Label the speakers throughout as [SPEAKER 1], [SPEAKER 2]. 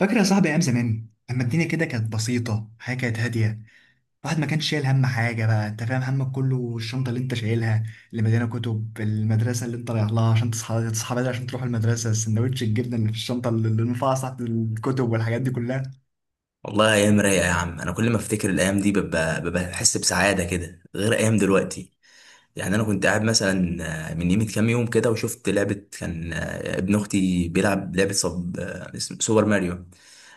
[SPEAKER 1] فاكر يا صاحبي ايام زمان لما الدنيا كده كانت بسيطه، حياه كانت هاديه. الواحد ما كانش شايل هم حاجه، بقى انت فاهم، همك كله الشنطه اللي انت شايلها، اللي مليانه كتب المدرسه اللي انت رايح لها عشان تصحى بدري عشان تروح المدرسه، سندوتش الجبنه اللي في الشنطه اللي رفعها تحت الكتب والحاجات دي كلها.
[SPEAKER 2] والله ايام رايقه يا عم. انا كل ما افتكر الايام دي ببقى بحس بسعاده كده غير ايام دلوقتي. يعني انا كنت قاعد مثلا، من يمه كام يوم كده وشفت لعبه كان، ابن اختي بيلعب لعبه، سوبر ماريو.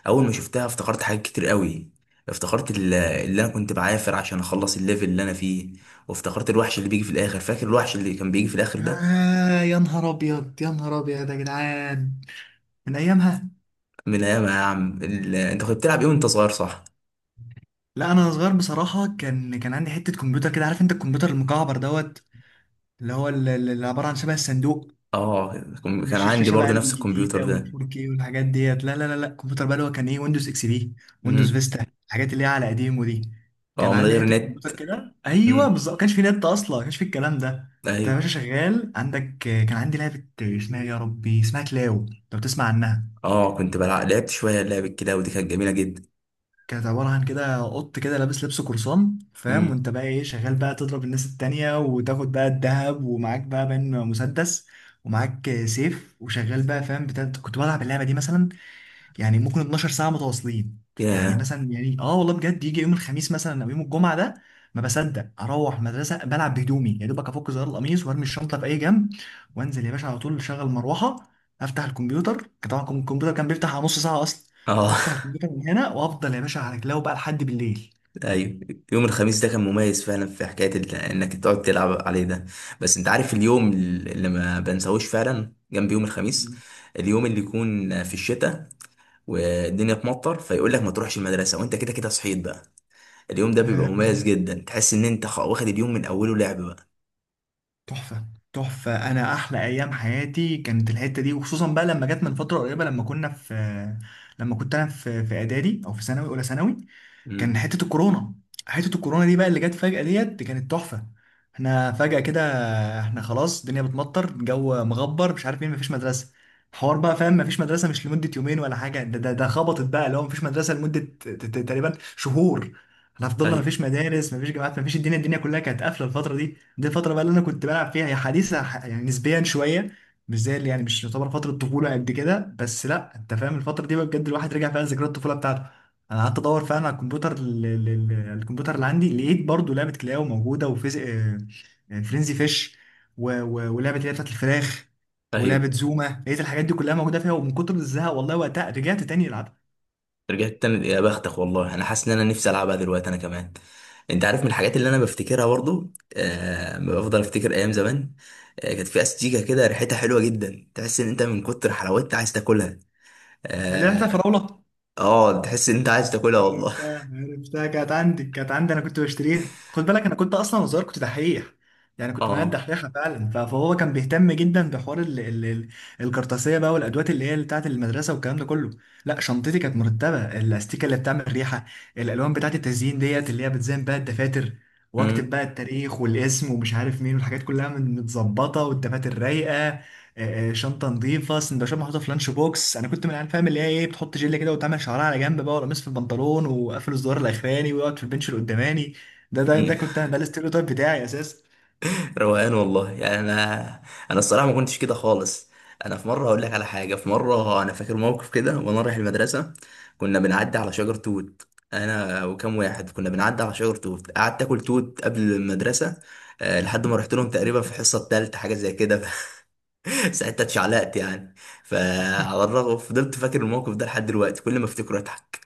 [SPEAKER 2] اول ما شفتها افتكرت حاجات كتير قوي. افتكرت اللي انا كنت بعافر عشان اخلص الليفل اللي انا فيه. وافتكرت الوحش اللي بيجي في الاخر. فاكر الوحش اللي كان بيجي في الاخر ده؟
[SPEAKER 1] آه يا نهار ابيض، يا نهار ابيض يا جدعان، من ايامها.
[SPEAKER 2] من ايام. يا عم انت كنت بتلعب ايه وانت صغير؟ صح.
[SPEAKER 1] لا انا صغير بصراحه، كان عندي حته كمبيوتر كده، عارف انت الكمبيوتر المكعبر دوت، اللي هو اللي عباره عن شبه الصندوق،
[SPEAKER 2] اه، كان
[SPEAKER 1] مش
[SPEAKER 2] عندي
[SPEAKER 1] الشاشه بقى
[SPEAKER 2] برضه نفس
[SPEAKER 1] الجديده
[SPEAKER 2] الكمبيوتر ده.
[SPEAKER 1] وال4 كي والحاجات ديت، لا لا لا لا، الكمبيوتر بقى اللي هو كان ايه، ويندوز اكس بي، ويندوز فيستا، الحاجات اللي هي على قديمه دي.
[SPEAKER 2] اه،
[SPEAKER 1] كان
[SPEAKER 2] من
[SPEAKER 1] عندي
[SPEAKER 2] غير
[SPEAKER 1] حته
[SPEAKER 2] نت.
[SPEAKER 1] كمبيوتر كده، ايوه
[SPEAKER 2] امم.
[SPEAKER 1] بالظبط، ما كانش في نت اصلا، ما كانش في الكلام ده. انت يا
[SPEAKER 2] ايوه.
[SPEAKER 1] باشا شغال عندك، كان عندي لعبه، اسمها يا ربي، اسمها كلاو، لو تسمع عنها.
[SPEAKER 2] اه، كنت بلعب لعبت شويه لعبة كده، ودي كانت جميله جدا.
[SPEAKER 1] كانت عباره عن كده قط كده لابس لبس قرصان، فاهم،
[SPEAKER 2] امم.
[SPEAKER 1] وانت بقى ايه شغال بقى تضرب الناس التانية وتاخد بقى الذهب، ومعاك بقى بين مسدس، ومعاك سيف، وشغال بقى فاهم بتاع، كنت بلعب اللعبه دي مثلا، يعني ممكن 12 ساعة متواصلين. يعني
[SPEAKER 2] يا.
[SPEAKER 1] مثلا، يعني اه والله بجد يجي يوم الخميس مثلا او يوم الجمعة ده، ما بصدق اروح مدرسة، بلعب بهدومي يا دوبك افك زرار القميص وارمي الشنطة في اي جنب، وانزل يا باشا على طول، اشغل مروحة، افتح الكمبيوتر، كان طبعا الكمبيوتر كان بيفتح على نص ساعة اصلا،
[SPEAKER 2] اه.
[SPEAKER 1] افتح الكمبيوتر من هنا، وافضل يا باشا على رجلي بقى لحد بالليل.
[SPEAKER 2] ايوه. يوم الخميس ده كان مميز فعلا في حكايه انك تقعد تلعب عليه ده. بس انت عارف اليوم اللي ما بنساهوش فعلا جنب يوم الخميس؟ اليوم اللي يكون في الشتاء والدنيا تمطر فيقول لك ما تروحش المدرسه وانت كده كده صحيت بقى. اليوم ده بيبقى مميز
[SPEAKER 1] آم،
[SPEAKER 2] جدا. تحس ان انت واخد اليوم من اوله لعب بقى.
[SPEAKER 1] تحفة. تحفة، أنا أحلى أيام حياتي كانت الحتة دي، وخصوصا بقى لما جت من فترة قريبة لما كنا في لما كنت أنا في إعدادي أو في ثانوي، أولى ثانوي. كان
[SPEAKER 2] امم.
[SPEAKER 1] حتة الكورونا، حتة الكورونا دي بقى اللي جت فجأة ديت كانت تحفة. احنا فجأة كده، احنا خلاص الدنيا بتمطر، الجو مغبر، مش عارف مين، مفيش مدرسة، حوار بقى فاهم، مفيش مدرسة مش لمدة يومين ولا حاجة، ده خبطت بقى اللي هو مفيش مدرسة لمدة تقريبا شهور. احنا فضلنا
[SPEAKER 2] ايوه.
[SPEAKER 1] مفيش مدارس، مفيش جامعات، مفيش، الدنيا كلها كانت قافلة، الفترة دي الفترة بقى اللي انا كنت بلعب فيها هي حديثة يعني نسبيا شوية. مش زي اللي، يعني مش يعتبر فترة طفولة قد كده، بس لا انت فاهم الفترة دي بقى بجد الواحد رجع فيها ذكريات الطفولة بتاعته. انا قعدت ادور فعلا على الكمبيوتر، الكمبيوتر اللي عندي، لقيت برضو لعبه كلاو موجوده، وفيز فرينزي فيش، ولعبه اللي هي بتاعت الفراخ،
[SPEAKER 2] ايوه.
[SPEAKER 1] ولعبه زوما، لقيت الحاجات دي كلها موجوده فيها، ومن كتر الزهق والله وقتها رجعت تاني العبها.
[SPEAKER 2] رجعت تاني يا بختك. والله انا حاسس ان انا نفسي العبها دلوقتي انا كمان. انت عارف من الحاجات اللي انا بفتكرها برضو؟ بفضل افتكر ايام زمان. كانت في استيكه كده ريحتها حلوه جدا. تحس ان انت من كتر حلاوتها عايز تاكلها.
[SPEAKER 1] اللي لعبتها
[SPEAKER 2] اه.
[SPEAKER 1] فراوله،
[SPEAKER 2] تحس ان انت عايز تاكلها والله.
[SPEAKER 1] عرفتها عرفتها، كانت عندي، كانت عندي، انا كنت بشتريها، خد بالك انا كنت اصلا وصغير كنت دحيح، يعني كنت مهندس
[SPEAKER 2] اه.
[SPEAKER 1] دحيحه فعلا، فهو كان بيهتم جدا بحوار ال الكرطاسيه بقى والادوات اللي هي بتاعه المدرسه والكلام ده كله. لا شنطتي كانت مرتبه، الاستيكه اللي بتعمل ريحه، الالوان بتاعه التزيين ديت اللي هي بتزين بقى الدفاتر، واكتب
[SPEAKER 2] امم.
[SPEAKER 1] بقى التاريخ والاسم ومش عارف مين، والحاجات كلها من متظبطه، والدفاتر رايقه، شنطه نظيفه، سندوتشات محطوطه في لانش بوكس، انا كنت من العيال فاهم اللي هي ايه بتحط جل كده وتعمل شعرها على جنب بقى، ولا مس في البنطلون وقافل الزرار الاخراني ويقعد في البنش اللي قداماني، ده كنت انا، ده الاستيريوتايب بتاعي اساسا.
[SPEAKER 2] روقان والله. يعني انا، انا الصراحه ما كنتش كده خالص. انا في مره هقول لك على حاجه. في مره انا فاكر موقف كده وانا رايح المدرسه. كنا بنعدي على شجر توت. انا وكم واحد كنا بنعدي على شجر توت. قعدت اكل توت قبل المدرسه لحد ما رحت لهم تقريبا في الحصه الثالثه حاجه زي كده. ساعتها اتشعلقت يعني. فعلى الرغم فضلت فاكر الموقف ده لحد دلوقتي. كل ما افتكره اضحك.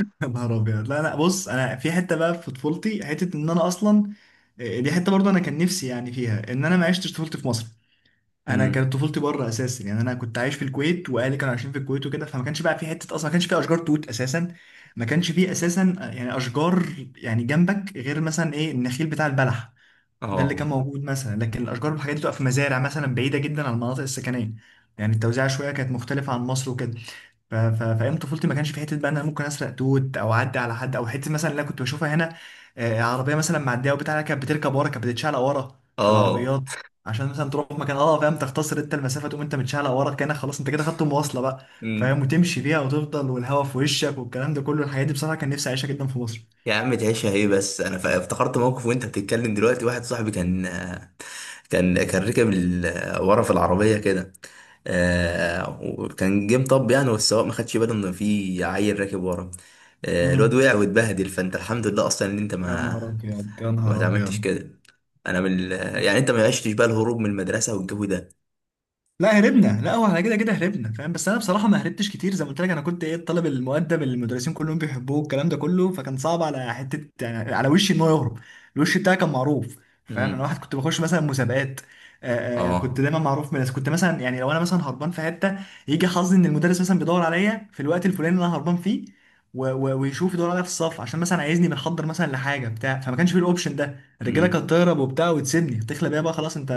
[SPEAKER 1] يا نهار ابيض، لا لا بص، انا في حته بقى في طفولتي، حته ان انا اصلا، دي حته برضه انا كان نفسي يعني فيها، ان انا ما عشتش طفولتي في مصر. انا
[SPEAKER 2] امم.
[SPEAKER 1] كانت طفولتي بره اساسا، يعني انا كنت عايش في الكويت واهلي كانوا عايشين في الكويت وكده، فما كانش بقى في حته اصلا، ما كانش في اشجار توت اساسا، ما كانش في اساسا، يعني اشجار، يعني جنبك غير مثلا ايه النخيل بتاع البلح، ده اللي كان
[SPEAKER 2] اه.
[SPEAKER 1] موجود مثلا، لكن الاشجار والحاجات دي بتبقى في مزارع مثلا بعيده جدا عن المناطق السكنيه، يعني التوزيع شويه كانت مختلفه عن مصر وكده. فايام طفولتي ما كانش في حته بقى ان انا ممكن اسرق توت او اعدي على حد، او حته مثلا اللي انا كنت بشوفها هنا، عربيه مثلا معديه وبتاع، كانت بتركب ورا، كانت بتتشعلق ورا في
[SPEAKER 2] اه.
[SPEAKER 1] العربيات، عشان مثلا تروح مكان، اه فاهم، تختصر انت المسافه، تقوم انت متشعلق ورا، كانك خلاص انت كده خدت المواصله بقى،
[SPEAKER 2] امم.
[SPEAKER 1] فاهم، وتمشي فيها وتفضل والهوا في وشك والكلام ده كله، الحاجات دي بصراحه كان نفسي اعيشها جدا في مصر.
[SPEAKER 2] يا عم تعيشها ايه؟ بس انا افتكرت موقف وانت بتتكلم دلوقتي. واحد صاحبي كان، ركب ورا في العربية كده. وكان جه مطب يعني، والسواق ما خدش باله ان في عيل راكب ورا. الواد
[SPEAKER 1] امم.
[SPEAKER 2] وقع واتبهدل. فانت الحمد لله اصلا ان انت
[SPEAKER 1] يا
[SPEAKER 2] ما
[SPEAKER 1] نهار ابيض، يا
[SPEAKER 2] ما
[SPEAKER 1] نهار
[SPEAKER 2] اتعملتش
[SPEAKER 1] ابيض.
[SPEAKER 2] كده. انا من يعني انت ما عشتش بقى الهروب من المدرسة والجو ده.
[SPEAKER 1] لا هربنا، لا هو احنا كده كده هربنا، فاهم، بس انا بصراحه ما هربتش كتير، زي ما قلت لك، انا كنت ايه الطالب المؤدب اللي المدرسين كلهم بيحبوه الكلام ده كله، فكان صعب على حته يعني على وشي ان هو يهرب، الوش بتاعي كان معروف، فاهم، انا
[SPEAKER 2] امم.
[SPEAKER 1] واحد كنت بخش مثلا مسابقات، كنت
[SPEAKER 2] اه.
[SPEAKER 1] دايما معروف من الناس، كنت مثلا يعني لو انا مثلا هربان في حته، يجي حظي ان المدرس مثلا بيدور عليا في الوقت الفلاني اللي انا هربان فيه، ويشوف يدور عليا في الصف عشان مثلا عايزني بنحضر مثلا لحاجه بتاع، فما كانش في الاوبشن ده، الرجاله
[SPEAKER 2] امم.
[SPEAKER 1] كانت تهرب وبتاع وتسيبني، تخلى بيها بقى خلاص انت،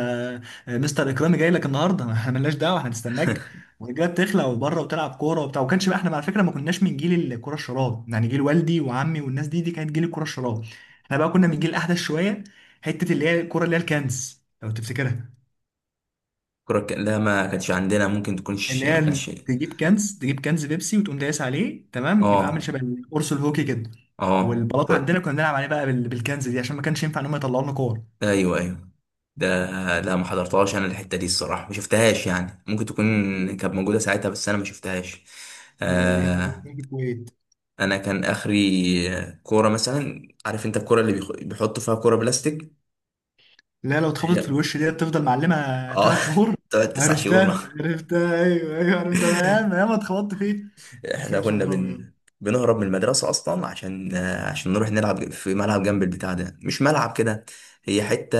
[SPEAKER 1] مستر اكرامي جاي لك النهارده، ما احنا مالناش دعوه، احنا هنستناك، والرجاله بتخلع وبره وتلعب كوره وبتاع، وما كانش بقى، احنا على فكره ما كناش من جيل الكره الشراب، يعني جيل والدي وعمي والناس دي، دي كانت جيل الكره الشراب. احنا بقى كنا من جيل احدث شويه، حته اللي هي الكره، اللي هي الكنز لو تفتكرها،
[SPEAKER 2] لا، ما كانتش عندنا. ممكن
[SPEAKER 1] اللي
[SPEAKER 2] تكونش ما
[SPEAKER 1] هي
[SPEAKER 2] كانتش.
[SPEAKER 1] تجيب كنز، تجيب كنز بيبسي وتقوم دايس عليه تمام، يبقى عامل
[SPEAKER 2] اه.
[SPEAKER 1] شبه القرص الهوكي كده،
[SPEAKER 2] اه.
[SPEAKER 1] والبلاط عندنا كنا بنلعب عليه بقى بالكنز دي، عشان ما كانش ينفع ان هم يطلعوا لنا كور.
[SPEAKER 2] ايوه. ايوه. ده، لا ما حضرتهاش انا الحته دي الصراحه. ما شفتهاش يعني. ممكن تكون كانت موجوده ساعتها بس انا ما شفتهاش.
[SPEAKER 1] لا دي كانت موجودة
[SPEAKER 2] آه.
[SPEAKER 1] في الكويت،
[SPEAKER 2] انا كان اخري كوره مثلا، عارف انت الكوره اللي بيحطوا فيها كوره بلاستيك.
[SPEAKER 1] لا لو اتخبطت في
[SPEAKER 2] هي.
[SPEAKER 1] الوش دي تفضل معلمة
[SPEAKER 2] اه.
[SPEAKER 1] 3 شهور،
[SPEAKER 2] تقعد 9 شهور مع.
[SPEAKER 1] عرفتها عرفتها، ايوه ايوه عرفتها، انا ياما ياما اتخبطت فيه.
[SPEAKER 2] احنا
[SPEAKER 1] يا نهار ابيض،
[SPEAKER 2] بنهرب من المدرسه اصلا عشان نروح نلعب في ملعب جنب البتاع ده. مش ملعب كده. هي حته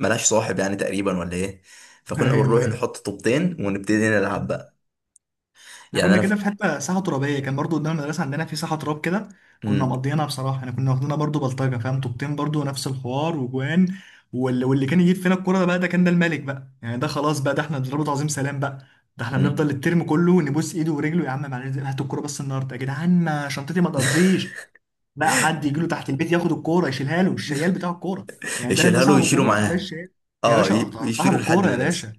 [SPEAKER 2] ملهاش صاحب يعني تقريبا ولا ايه. فكنا
[SPEAKER 1] ايوه
[SPEAKER 2] بنروح
[SPEAKER 1] ايوه،
[SPEAKER 2] نحط طوبتين ونبتدي نلعب بقى.
[SPEAKER 1] احنا
[SPEAKER 2] يعني
[SPEAKER 1] كنا
[SPEAKER 2] انا ف...
[SPEAKER 1] كده في حته ساحه ترابيه، كان برضو قدام المدرسه عندنا في ساحه تراب كده، كنا
[SPEAKER 2] مم.
[SPEAKER 1] مقضيينها بصراحه، احنا كنا واخدينها برضو بلطجه، فاهم، طوبتين برضو نفس الحوار وجوان، واللي كان يجيب فينا الكوره ده بقى، ده كان ده الملك بقى، يعني ده خلاص بقى، ده احنا بنضربه تعظيم سلام بقى، ده احنا بنفضل
[SPEAKER 2] مم.
[SPEAKER 1] الترم كله نبوس ايده ورجله، يا عم معلش هات الكوره بس النهارده يا جدعان، ما شنطتي ما تقضيش. لا، حد يجي له تحت البيت ياخد الكوره يشيلها له الشيال بتاع الكوره، يعني ده
[SPEAKER 2] يشيلها له
[SPEAKER 1] صاحب
[SPEAKER 2] ويشيله
[SPEAKER 1] الكوره وده
[SPEAKER 2] معاه.
[SPEAKER 1] الشيال، يا
[SPEAKER 2] اه،
[SPEAKER 1] باشا أقطع. صاحب
[SPEAKER 2] يشيله لحد
[SPEAKER 1] الكوره يا
[SPEAKER 2] المدرسه.
[SPEAKER 1] باشا،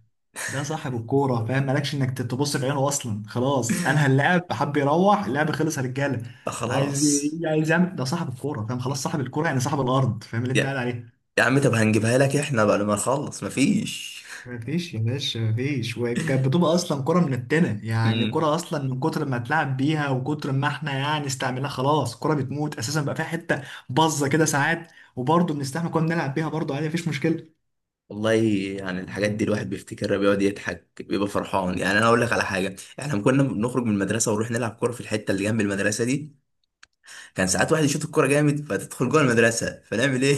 [SPEAKER 1] ده صاحب الكوره، فاهم، مالكش انك تبص في عينه اصلا، خلاص انهى اللعب، حب يروح اللعب خلص يا رجاله،
[SPEAKER 2] آه، خلاص.
[SPEAKER 1] عايز يعمل، ده صاحب الكوره، فاهم، خلاص صاحب الكوره يعني صاحب الارض، فاهم اللي انت قاعد
[SPEAKER 2] يا
[SPEAKER 1] عليه.
[SPEAKER 2] يا عم طب هنجيبها لك احنا بعد ما نخلص. مفيش.
[SPEAKER 1] مفيش يا باشا، مفيش، وكانت بتبقى اصلا كرة منتنة، يعني
[SPEAKER 2] مم.
[SPEAKER 1] كرة اصلا من كتر ما اتلعب بيها وكتر ما احنا يعني استعملناها، خلاص كرة بتموت اساسا، بقى فيها حتة باظة كده ساعات، وبرضه بنستحمل، كنا بنلعب بيها برضه عادي، مفيش مشكلة.
[SPEAKER 2] والله يعني الحاجات دي الواحد بيفتكرها بيقعد يضحك بيبقى فرحان. يعني انا اقول لك على حاجه. احنا لما كنا بنخرج من المدرسه ونروح نلعب كوره في الحته اللي جنب المدرسه دي، كان ساعات واحد يشوط الكوره جامد فتدخل جوه المدرسه. فنعمل ايه؟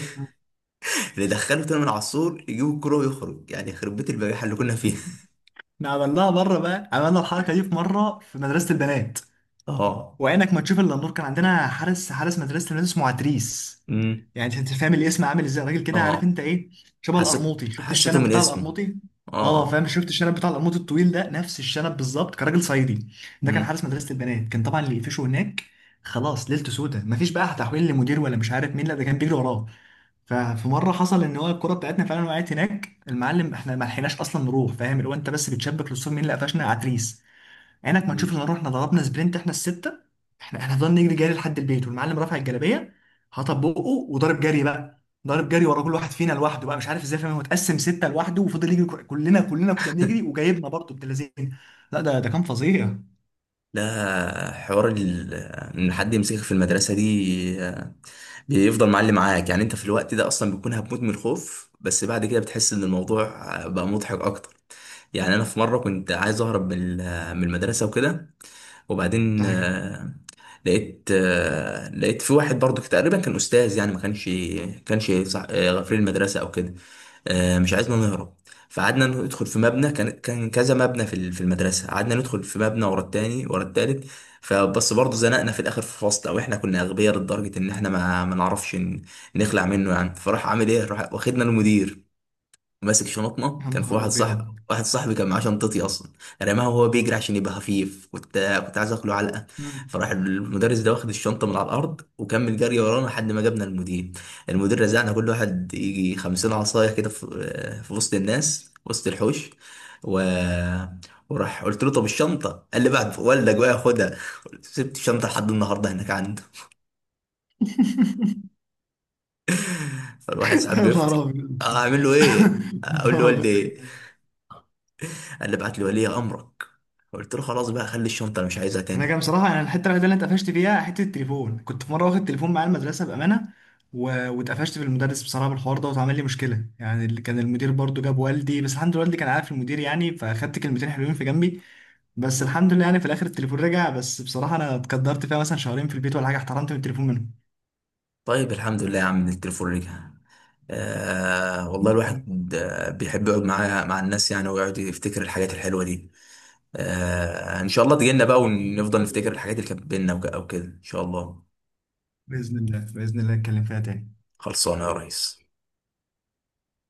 [SPEAKER 2] ندخله تاني من على السور يجيب الكوره ويخرج. يعني يخرب بيت البجاحه اللي كنا فيها.
[SPEAKER 1] احنا عملناها مرة بقى، عملنا الحركة دي في مرة في مدرسة البنات،
[SPEAKER 2] اه.
[SPEAKER 1] وعينك ما تشوف الا النور، كان عندنا حارس، حارس مدرسه الناس اسمه عتريس،
[SPEAKER 2] امم.
[SPEAKER 1] يعني انت فاهم الاسم عامل ازاي، راجل كده عارف
[SPEAKER 2] اه.
[SPEAKER 1] انت ايه، شبه
[SPEAKER 2] حسيت.
[SPEAKER 1] القرموطي، شفت
[SPEAKER 2] حسيته
[SPEAKER 1] الشنب
[SPEAKER 2] من
[SPEAKER 1] بتاع
[SPEAKER 2] اسمه.
[SPEAKER 1] القرموطي، اه فاهم،
[SPEAKER 2] اه.
[SPEAKER 1] شفت الشنب بتاع القرموطي الطويل ده، نفس الشنب بالظبط، كان راجل صعيدي، ده كان
[SPEAKER 2] مم.
[SPEAKER 1] حارس مدرسه البنات، كان طبعا اللي يقفشه هناك خلاص ليلته سودة، مفيش بقى تحويل لمدير ولا مش عارف مين، لا ده كان بيجري وراه. ففي مره حصل ان هو الكره بتاعتنا فعلا وقعت هناك المعلم، احنا ما لحقناش اصلا نروح، فاهم، اللي هو انت بس بتشبك للصور، مين اللي قفشنا، عتريس، عينك ما
[SPEAKER 2] مم.
[SPEAKER 1] تشوف الا رحنا ضربنا سبرنت احنا السته، احنا فضلنا نجري جري لحد البيت والمعلم رافع الجلابيه، هطبقه، وضارب جري بقى، ضارب جري ورا كل واحد فينا لوحده بقى، مش عارف ازاي، فاهم، هو اتقسم سته لوحده وفضل يجري، كلنا كلنا كنا بنجري، وجايبنا برضه ابن لذين. لا ده كان فظيع،
[SPEAKER 2] ده حوار ان حد يمسكك في المدرسه دي بيفضل معلم معاك. يعني انت في الوقت ده اصلا بتكون هتموت من الخوف. بس بعد كده بتحس ان الموضوع بقى مضحك اكتر. يعني انا في مره كنت عايز اهرب من من المدرسه وكده.
[SPEAKER 1] ده
[SPEAKER 2] وبعدين
[SPEAKER 1] حقيقي.
[SPEAKER 2] لقيت في واحد برضو تقريبا كان استاذ. يعني ما كانش، غفير المدرسه او كده. مش عايزنا نهرب. فقعدنا ندخل في مبنى. كان كذا مبنى في المدرسه. قعدنا ندخل في مبنى ورا التاني ورا التالت. فبس برضه زنقنا في الاخر في فصل. او احنا كنا اغبياء لدرجه ان احنا ما نعرفش نخلع منه يعني. فراح عامل ايه، راح واخدنا المدير ماسك شنطنا.
[SPEAKER 1] يا
[SPEAKER 2] كان في
[SPEAKER 1] نهار
[SPEAKER 2] واحد،
[SPEAKER 1] ابيض
[SPEAKER 2] صح، واحد صاحبي كان معاه شنطتي اصلا. رماها وهو بيجري عشان يبقى خفيف. كنت عايز اكله علقه.
[SPEAKER 1] مم.
[SPEAKER 2] فراح المدرس ده واخد الشنطه من على الارض وكمل جري ورانا لحد ما جبنا المدير. المدير رزعنا كل واحد يجي 50 عصايه كده، في وسط الناس، وسط الحوش. و... وراح قلت له طب الشنطه؟ قال لي بعد والدك بقى خدها. سبت الشنطه لحد النهارده هناك عنده. فالواحد ساعات
[SPEAKER 1] يا نهار
[SPEAKER 2] بيفتي.
[SPEAKER 1] ابيض
[SPEAKER 2] اعمل له ايه؟
[SPEAKER 1] يا
[SPEAKER 2] اقول له
[SPEAKER 1] نهار ابيض.
[SPEAKER 2] والدي؟ قال لي ابعت لي ولي امرك. قلت له خلاص بقى، خلي الشنطه انا مش عايزها
[SPEAKER 1] انا
[SPEAKER 2] تاني.
[SPEAKER 1] كان بصراحه، انا الحته الوحيده اللي أنا اتقفشت فيها حته التليفون، كنت في مره واخد تليفون معايا المدرسه بامانه، و... واتقفشت في المدرس بصراحه بالحوار ده، واتعمل لي مشكله، يعني اللي كان المدير برضو جاب والدي، بس الحمد لله والدي كان عارف المدير يعني، فاخدت كلمتين حلوين في جنبي، بس الحمد لله يعني في الاخر التليفون رجع، بس بصراحه انا اتقدرت فيها مثلا شهرين في البيت ولا حاجه احترمت من التليفون منهم.
[SPEAKER 2] طيب الحمد لله يا عم إن التليفون رجع. والله الواحد بيحب يقعد مع الناس يعني، ويقعد يفتكر الحاجات الحلوه دي. ان شاء الله تجينا بقى
[SPEAKER 1] الحمد
[SPEAKER 2] ونفضل نفتكر
[SPEAKER 1] لله.
[SPEAKER 2] الحاجات اللي كانت بينا او كده ان شاء الله.
[SPEAKER 1] باذن الله، باذن الله اتكلم فيها تاني.
[SPEAKER 2] خلصانه يا ريس.